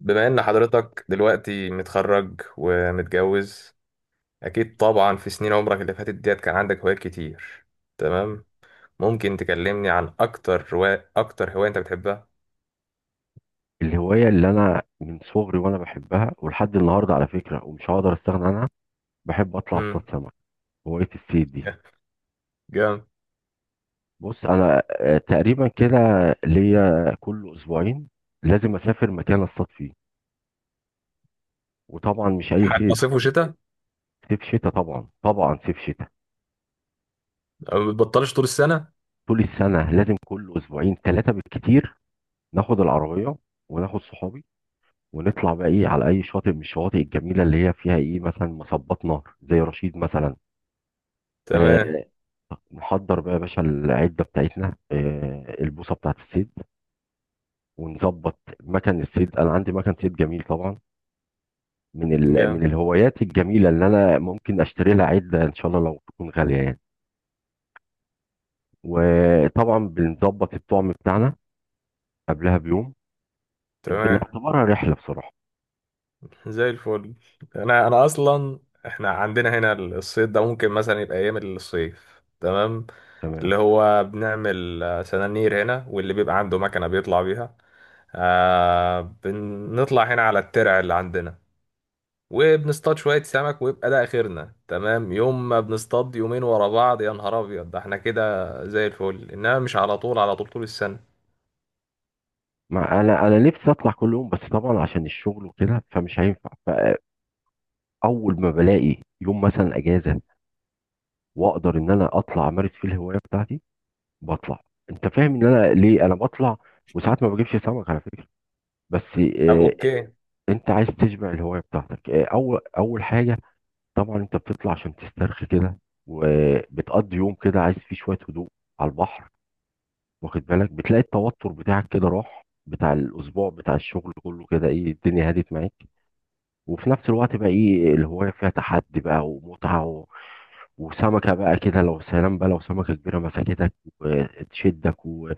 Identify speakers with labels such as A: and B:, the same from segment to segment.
A: بما ان حضرتك دلوقتي متخرج ومتجوز، اكيد طبعا في سنين عمرك اللي فاتت ديت كان عندك هوايات كتير. تمام. ممكن تكلمني عن اكتر هواية انت بتحبها؟
B: الهواية اللي أنا من صغري وأنا بحبها، ولحد النهاردة على فكرة، ومش هقدر أستغنى عنها. بحب أطلع أصطاد
A: امم.
B: سمك. هواية الصيد دي.
A: جامد.
B: بص أنا تقريبا كده، ليا كل أسبوعين لازم أسافر مكان أصطاد فيه، وطبعا مش أي
A: حتى صيف
B: صيد.
A: وشتاء؟
B: صيف شتاء، طبعا طبعا، صيف شتاء.
A: ما بتبطلش طول السنة.
B: طول السنة لازم كل أسبوعين ثلاثة بالكتير. ناخد العربية وناخد صحابي، ونطلع بقى إيه على أي شاطئ من الشواطئ الجميلة اللي هي فيها إيه مثلا مصبات نهر زي رشيد مثلا. آه.
A: تمام.
B: نحضر بقى يا باشا العدة بتاعتنا، آه، البوصة بتاعت الصيد، ونظبط مكان الصيد. أنا عندي مكان صيد جميل طبعا. من
A: جامد.
B: الهوايات الجميلة اللي أنا ممكن أشتري لها عدة إن شاء الله لو تكون غالية يعني. وطبعا بنظبط الطعم بتاعنا قبلها بيوم.
A: تمام.
B: بنعتبرها رحلة بصراحة.
A: زي الفل. انا اصلا احنا عندنا هنا الصيد ده ممكن مثلا يبقى ايام الصيف. تمام.
B: تمام.
A: اللي هو بنعمل سنانير هنا، واللي بيبقى عنده مكنة بيطلع بيها. آه، بنطلع هنا على الترع اللي عندنا وبنصطاد شوية سمك ويبقى ده آخرنا. تمام. يوم ما بنصطاد يومين ورا بعض يا نهار أبيض ده احنا كده. زي الفل، إنما مش على طول، على طول طول السنة.
B: ما انا نفسي اطلع كل يوم، بس طبعا عشان الشغل وكده فمش هينفع. فاول ما بلاقي يوم مثلا اجازه واقدر ان انا اطلع امارس فيه الهوايه بتاعتي، بطلع. انت فاهم ان انا ليه انا بطلع؟ وساعات ما بجيبش سمك على فكره، بس
A: طب أوكي.
B: انت عايز تشبع الهوايه بتاعتك، اول حاجه. طبعا انت بتطلع عشان تسترخي كده، وبتقضي يوم كده عايز فيه شويه هدوء على البحر. واخد بالك، بتلاقي التوتر بتاعك كده راح، بتاع الاسبوع، بتاع الشغل كله، كده ايه الدنيا هدت معاك. وفي نفس الوقت بقى ايه، الهواية فيها تحدي بقى ومتعة وسمكة بقى كده لو سلام بقى، لو سمكة كبيرة مسكتك وتشدك و...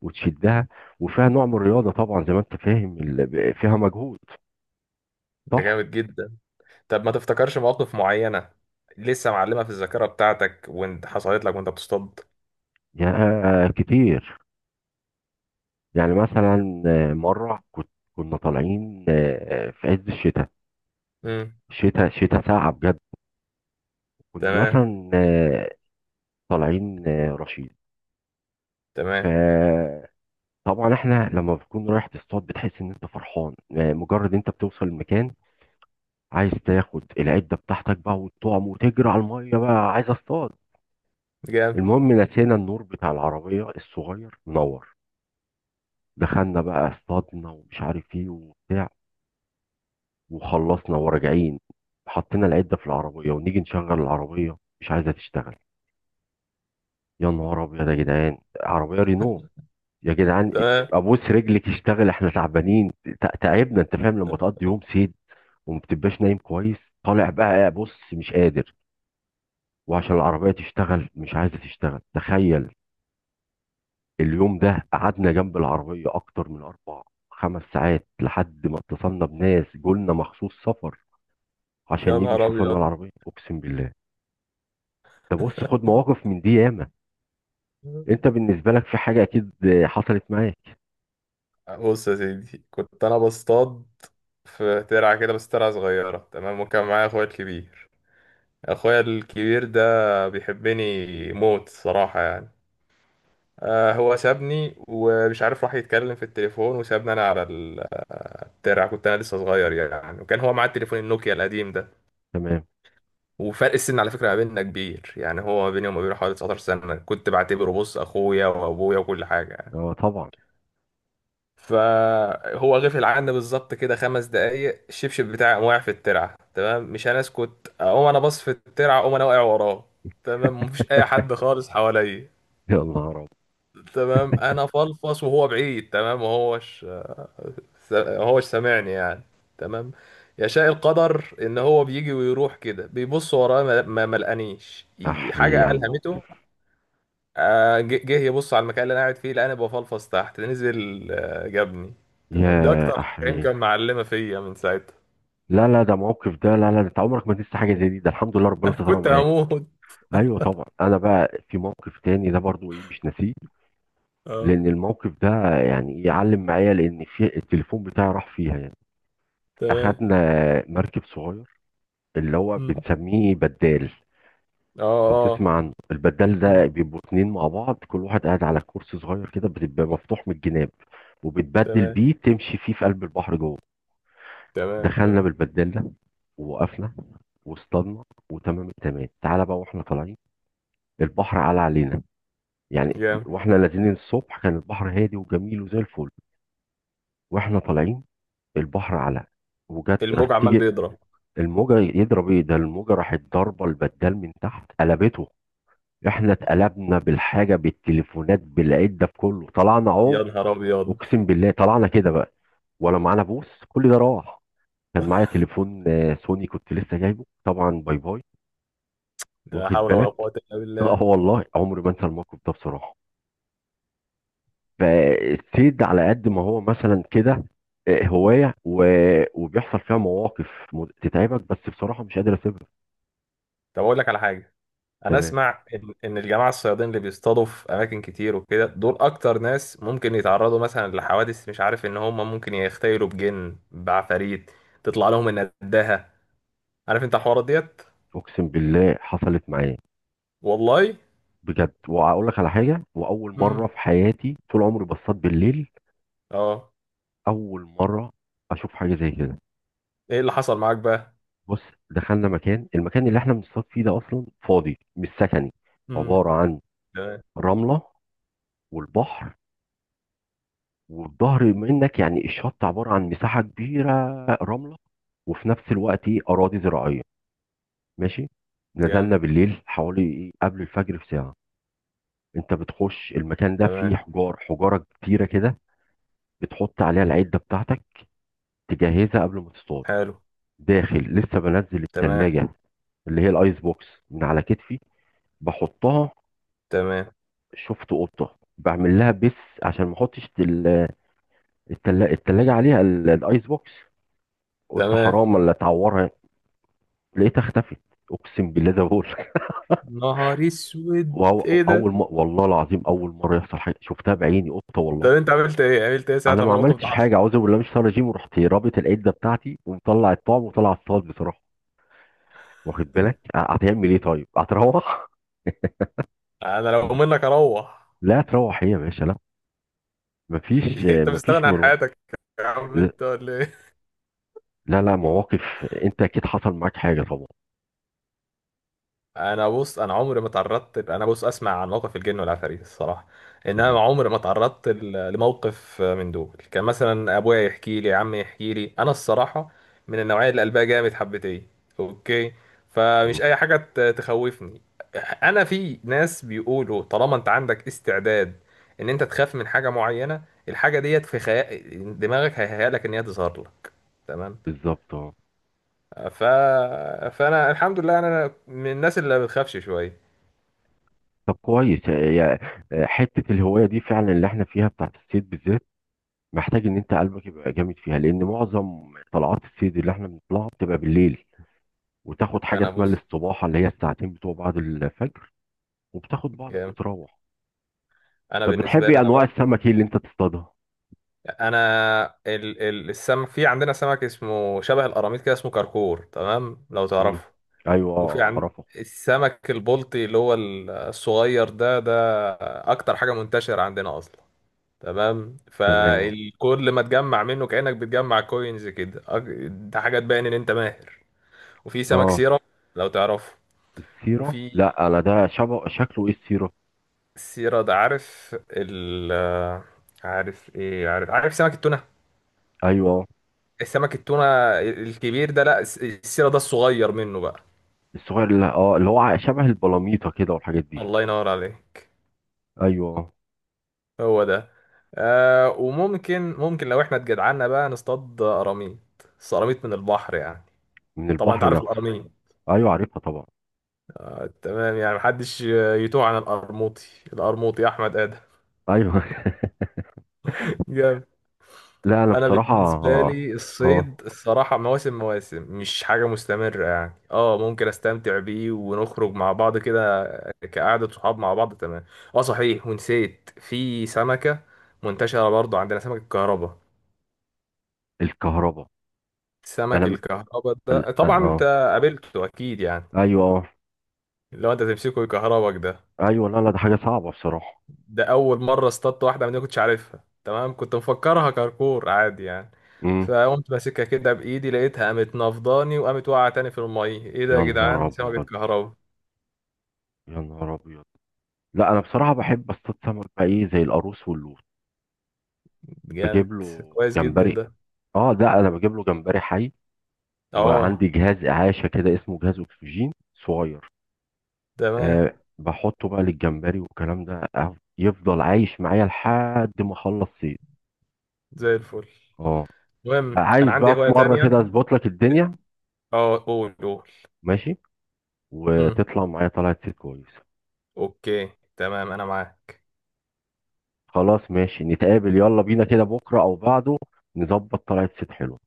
B: وتشدها، وفيها نوع من الرياضة طبعا زي ما انت فاهم فيها مجهود.
A: ده
B: صح؟
A: جامد جدا. طب ما تفتكرش مواقف معينة لسه معلمة في الذاكرة بتاعتك وانت حصلت لك وانت بتصطاد؟
B: يا كتير. يعني مثلا مرة كنت كنا طالعين في عز الشتاء.
A: امم.
B: شتاء شتاء، ساقعة بجد. كنا
A: تمام،
B: مثلا طالعين رشيد.
A: تمام.
B: ف طبعا احنا لما بتكون رايح تصطاد بتحس ان انت فرحان، مجرد انت بتوصل المكان، عايز تاخد العده بتاعتك بقى والطعم وتجري على الميه بقى، عايز اصطاد.
A: جامد.
B: المهم، نسينا النور بتاع العربيه الصغير منور. دخلنا بقى، اصطادنا ومش عارف ايه وبتاع، وخلصنا وراجعين، حطينا العده في العربيه، ونيجي نشغل العربيه، مش عايزه تشتغل. يا نهار ابيض يا جدعان! عربيه رينو، يا جدعان!
A: تمام.
B: ابوس رجلك اشتغل، احنا تعبانين. تعبنا. انت فاهم لما تقضي يوم صيد وما بتبقاش نايم كويس، طالع بقى بص مش قادر، وعشان العربية تشتغل مش عايزة تشتغل، تخيل. اليوم ده قعدنا جنب العربية أكتر من 4 5 ساعات، لحد ما اتصلنا بناس جولنا مخصوص سفر
A: يا
B: عشان يجوا
A: نهار
B: يشوفوا لنا
A: أبيض.
B: العربية، أقسم بالله. ده بص، خد مواقف من دي ياما. أنت بالنسبة لك في حاجة أكيد حصلت معاك.
A: بص يا سيدي، كنت أنا بصطاد في ترعة كده، بس ترعة صغيرة، تمام، وكان معايا أخويا الكبير. أخويا الكبير ده بيحبني موت صراحة يعني. آه، هو سابني ومش عارف راح يتكلم في التليفون وسابني أنا على الترعة. كنت أنا لسه صغير يعني، وكان هو معاه التليفون النوكيا القديم ده.
B: تمام.
A: وفرق السن على فكرة ما بيننا كبير يعني، هو ما بيني وما بينه حوالي 19 سنة. كنت بعتبره، بص، أخويا وأبويا وكل حاجة يعني.
B: أه طبعا.
A: فهو غفل عني بالظبط كده 5 دقايق، الشبشب بتاعي قام واقع في الترعه. تمام، مش هنسكت، اقوم انا باص في الترعه، اقوم انا واقع وراه. تمام، مفيش اي حد خالص حواليا.
B: يا نهار أبيض.
A: تمام، انا فلفص وهو بعيد، تمام، وهوش سامعني يعني. تمام. يشاء القدر ان هو بيجي ويروح كده بيبص ورايا، ما لقانيش
B: أحيي
A: حاجه
B: على
A: الهمته.
B: الموقف.
A: جه يبص على المكان اللي انا قاعد فيه، لقاني بفلفص تحت، نزل جابني. تمام، ده
B: يا
A: اكتر حاجه
B: أحيي.
A: يمكن معلمه فيا من ساعتها.
B: لا لا ده موقف، ده لا لا، ده أنت عمرك ما تنسى حاجة زي دي، ده الحمد لله ربنا
A: انا
B: سترها
A: كنت
B: معاك.
A: هموت.
B: ايوه طبعا. انا بقى في موقف تاني ده برضو ايه مش ناسيه،
A: اه.
B: لان الموقف ده يعني يعلم معايا، لان في التليفون بتاعي راح فيها يعني.
A: تمام.
B: اخدنا مركب صغير اللي هو
A: مم.
B: بنسميه بدال.
A: اه.
B: لو
A: اه.
B: تسمع عنه، البدال
A: مم.
B: ده بيبقوا 2 مع بعض، كل واحد قاعد على كرسي صغير كده، بتبقى مفتوح من الجناب، وبتبدل
A: تمام،
B: بيه تمشي فيه في قلب البحر جوه.
A: تمام،
B: دخلنا
A: تمام.
B: بالبدال ده ووقفنا واصطادنا، وتمام التمام. تعالى بقى واحنا طالعين، البحر على علينا يعني.
A: جامد.
B: واحنا نازلين الصبح كان البحر هادي وجميل وزي الفل، واحنا طالعين البحر على، وجت راح
A: الموج عمال
B: تيجي
A: بيضرب.
B: الموجه يضرب. ايه ده، الموجه راحت ضاربه البدال من تحت، قلبته. احنا اتقلبنا، بالحاجه، بالتليفونات، بالعده، بكله. طلعنا عوم،
A: يا نهار ابيض.
B: اقسم بالله. طلعنا كده بقى، ولا معانا بوس، كل ده راح. كان معايا تليفون سوني كنت لسه جايبه، طبعا باي باي.
A: لا
B: واخد
A: حول ولا
B: بالك؟
A: قوه الا بالله.
B: اه والله عمري ما انسى الموقف ده بصراحه. فالصيد على قد ما هو مثلا كده هواية وبيحصل فيها مواقف تتعبك، بس بصراحة مش قادر اسيبها.
A: طب اقول لك على حاجه. انا
B: تمام.
A: اسمع إن الجماعه الصيادين اللي بيصطادوا في اماكن كتير وكده دول اكتر ناس ممكن يتعرضوا مثلا لحوادث، مش عارف ان هم ممكن يختيلوا بجن، بعفاريت، تطلع لهم النداهه. عارف انت الحوارات ديت.
B: اقسم بالله حصلت معايا،
A: والله.
B: بجد. واقول لك على حاجة، واول مرة
A: امم.
B: في حياتي طول عمري بصطاد بالليل،
A: اه.
B: اول مرة اشوف حاجة زي كده.
A: ايه اللي حصل معاك بقى؟
B: بص، دخلنا مكان، المكان اللي احنا بنصطاد فيه ده اصلا فاضي، مش سكني.
A: امم.
B: عبارة عن
A: تمام.
B: رملة والبحر، والظهر منك يعني الشط عبارة عن مساحة كبيرة رملة، وفي نفس الوقت ايه أراضي زراعية. ماشي.
A: جامد.
B: نزلنا بالليل حوالي إيه قبل الفجر بساعة. انت بتخش المكان ده فيه
A: تمام.
B: حجار، حجارة كتيرة كده، بتحط عليها العدة بتاعتك، تجهزها قبل ما تصطاد.
A: حلو.
B: داخل لسه بنزل
A: تمام.
B: التلاجة، اللي هي الايس بوكس، من على كتفي بحطها.
A: تمام.
B: شفت قطة، بعمل لها بس عشان ما احطش التلاجة عليها الايس بوكس، قلت
A: تمام.
B: حرام ولا تعورها. لقيتها اختفت، اقسم بالله زي ما بقول لك.
A: نهار اسود ايه ده.
B: اول ما، والله العظيم اول مره يحصل حاجه شفتها بعيني، قطه والله.
A: طب انت عملت ايه، ساعه
B: انا
A: لما
B: ما
A: الموقف ده
B: عملتش
A: حصل؟
B: حاجه، اعوذ بالله، مش طالع جيم، ورحت رابط العده بتاعتي، ومطلع الطعم وطلع الصاد بصراحه. واخد بالك؟ هتعمل ايه؟ طيب هتروح.
A: انا لو منك اروح.
B: لا تروح هي يا باشا، لا. مفيش،
A: انت
B: مفيش
A: مستغني عن
B: مروح.
A: حياتك؟ يا عم انت ولا ايه؟
B: لا لا، مواقف. انت اكيد حصل معاك حاجه طبعا.
A: انا بص، انا عمري ما تعرضت، انا بص اسمع عن موقف الجن والعفاريت الصراحه، انما
B: تمام.
A: عمري ما تعرضت لموقف من دول. كان مثلا ابويا يحكي لي، عمي يحكي لي انا الصراحه، من النوعيه اللي قلبها جامد حبتين. اوكي.
B: مم.
A: فمش اي حاجه تخوفني. انا في ناس بيقولوا طالما انت عندك استعداد ان انت تخاف من حاجه معينه، الحاجه ديت في خيال دماغك هيهيأ لك ان هي تظهر لك. تمام.
B: بالظبط، اه.
A: ف... فانا الحمد لله انا من الناس اللي ما بتخافش شويه.
B: طب كويس يا- يا- حته الهوايه دي فعلا اللي احنا فيها بتاعت الصيد بالذات، محتاج ان انت قلبك يبقى جامد فيها، لان معظم طلعات الصيد اللي احنا بنطلعها بتبقى بالليل، وتاخد حاجه
A: انا
B: اسمها
A: بص.
B: الاستباحه، اللي هي الساعتين بتوع بعد الفجر، وبتاخد بعضك
A: جامد.
B: وتروح.
A: انا
B: طب
A: بالنسبه لي
B: بتحبي
A: انا
B: انواع
A: بقى.
B: السمك ايه اللي انت تصطادها؟
A: انا السمك في عندنا سمك اسمه شبه القراميط كده، اسمه كركور، تمام، لو
B: مم.
A: تعرفه.
B: ايوه،
A: وفي عند
B: اعرفه.
A: السمك البلطي اللي هو الصغير ده اكتر حاجه منتشره عندنا اصلا. تمام،
B: تمام، اه.
A: فالكل ما تجمع منه كانك بتجمع كوينز كده. ده حاجه تبين ان انت ماهر. وفي سمك
B: آه.
A: سيرة، لو تعرفه.
B: السيره؟
A: وفي
B: لا انا ده شبه شكله ايه السيره؟
A: سيرة ده، عارف عارف ايه، عارف سمك التونة.
B: ايوه.
A: السمك التونة الكبير ده، لا، السيرة ده الصغير منه بقى.
B: الصغير اللي اه اللي هو شبه البلاميطه كده والحاجات دي.
A: الله ينور عليك.
B: ايوه.
A: هو ده. آه، وممكن لو احنا اتجدعنا بقى نصطاد قراميط، بس قراميط من البحر يعني.
B: من
A: طبعا انت
B: البحر
A: عارف
B: نفسه.
A: القراميط.
B: ايوه عارفها طبعا.
A: آه، تمام يعني محدش يتوه عن القرموطي. القرموطي احمد ادم.
B: ايوه. لا انا
A: انا
B: بصراحه
A: بالنسبه
B: اه.
A: لي الصيد
B: آه.
A: الصراحه مواسم مواسم، مش حاجه مستمره يعني، اه ممكن استمتع بيه ونخرج مع بعض كده كقعده صحاب مع بعض. تمام. اه صحيح، ونسيت في سمكه منتشره برضو عندنا، سمك الكهرباء.
B: الكهرباء. انا
A: سمك
B: م-
A: الكهرباء ده طبعا انت
B: اه،
A: قابلته اكيد يعني،
B: ايوه، اه.
A: لو انت تمسكه يكهربك ده.
B: ايوه، لا لا ده حاجه صعبه بصراحه.
A: ده اول مره اصطدت واحده من دي، ما كنتش عارفها، تمام، كنت مفكرها كركور عادي يعني.
B: امم.
A: فقمت ماسكها كده بايدي، لقيتها قامت نفضاني وقامت واقعه تاني في الميه. ايه ده يا
B: يا
A: جدعان،
B: نهار
A: دي سمكه
B: ابيض.
A: كهرباء.
B: يا نهار ابيض. لا انا بصراحه بحب اصطاد سمك بقى ايه زي القاروص واللوت.
A: جامد.
B: بجيب له
A: كويس جدا
B: جمبري.
A: ده.
B: اه، ده انا بجيب له جمبري حي،
A: اه.
B: وعندي جهاز اعاشه كده اسمه جهاز اكسجين صغير.
A: تمام.
B: آه. بحطه بقى للجمبري والكلام ده، يفضل عايش معايا لحد ما اخلص صيد.
A: زي الفل.
B: اه.
A: المهم انا
B: عايز
A: عندي
B: بقى
A: هوايه
B: في مره كده
A: تانية.
B: اظبط لك الدنيا.
A: اه، قول قول.
B: ماشي،
A: مم.
B: وتطلع معايا طلعت صيد كويس.
A: اوكي. تمام انا معاك.
B: خلاص ماشي، نتقابل يلا بينا كده بكرة أو بعده، نظبط طلعة صيد حلو.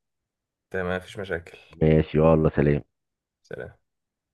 A: تمام، مفيش مشاكل.
B: ماشي، يلا سلام.
A: سلام.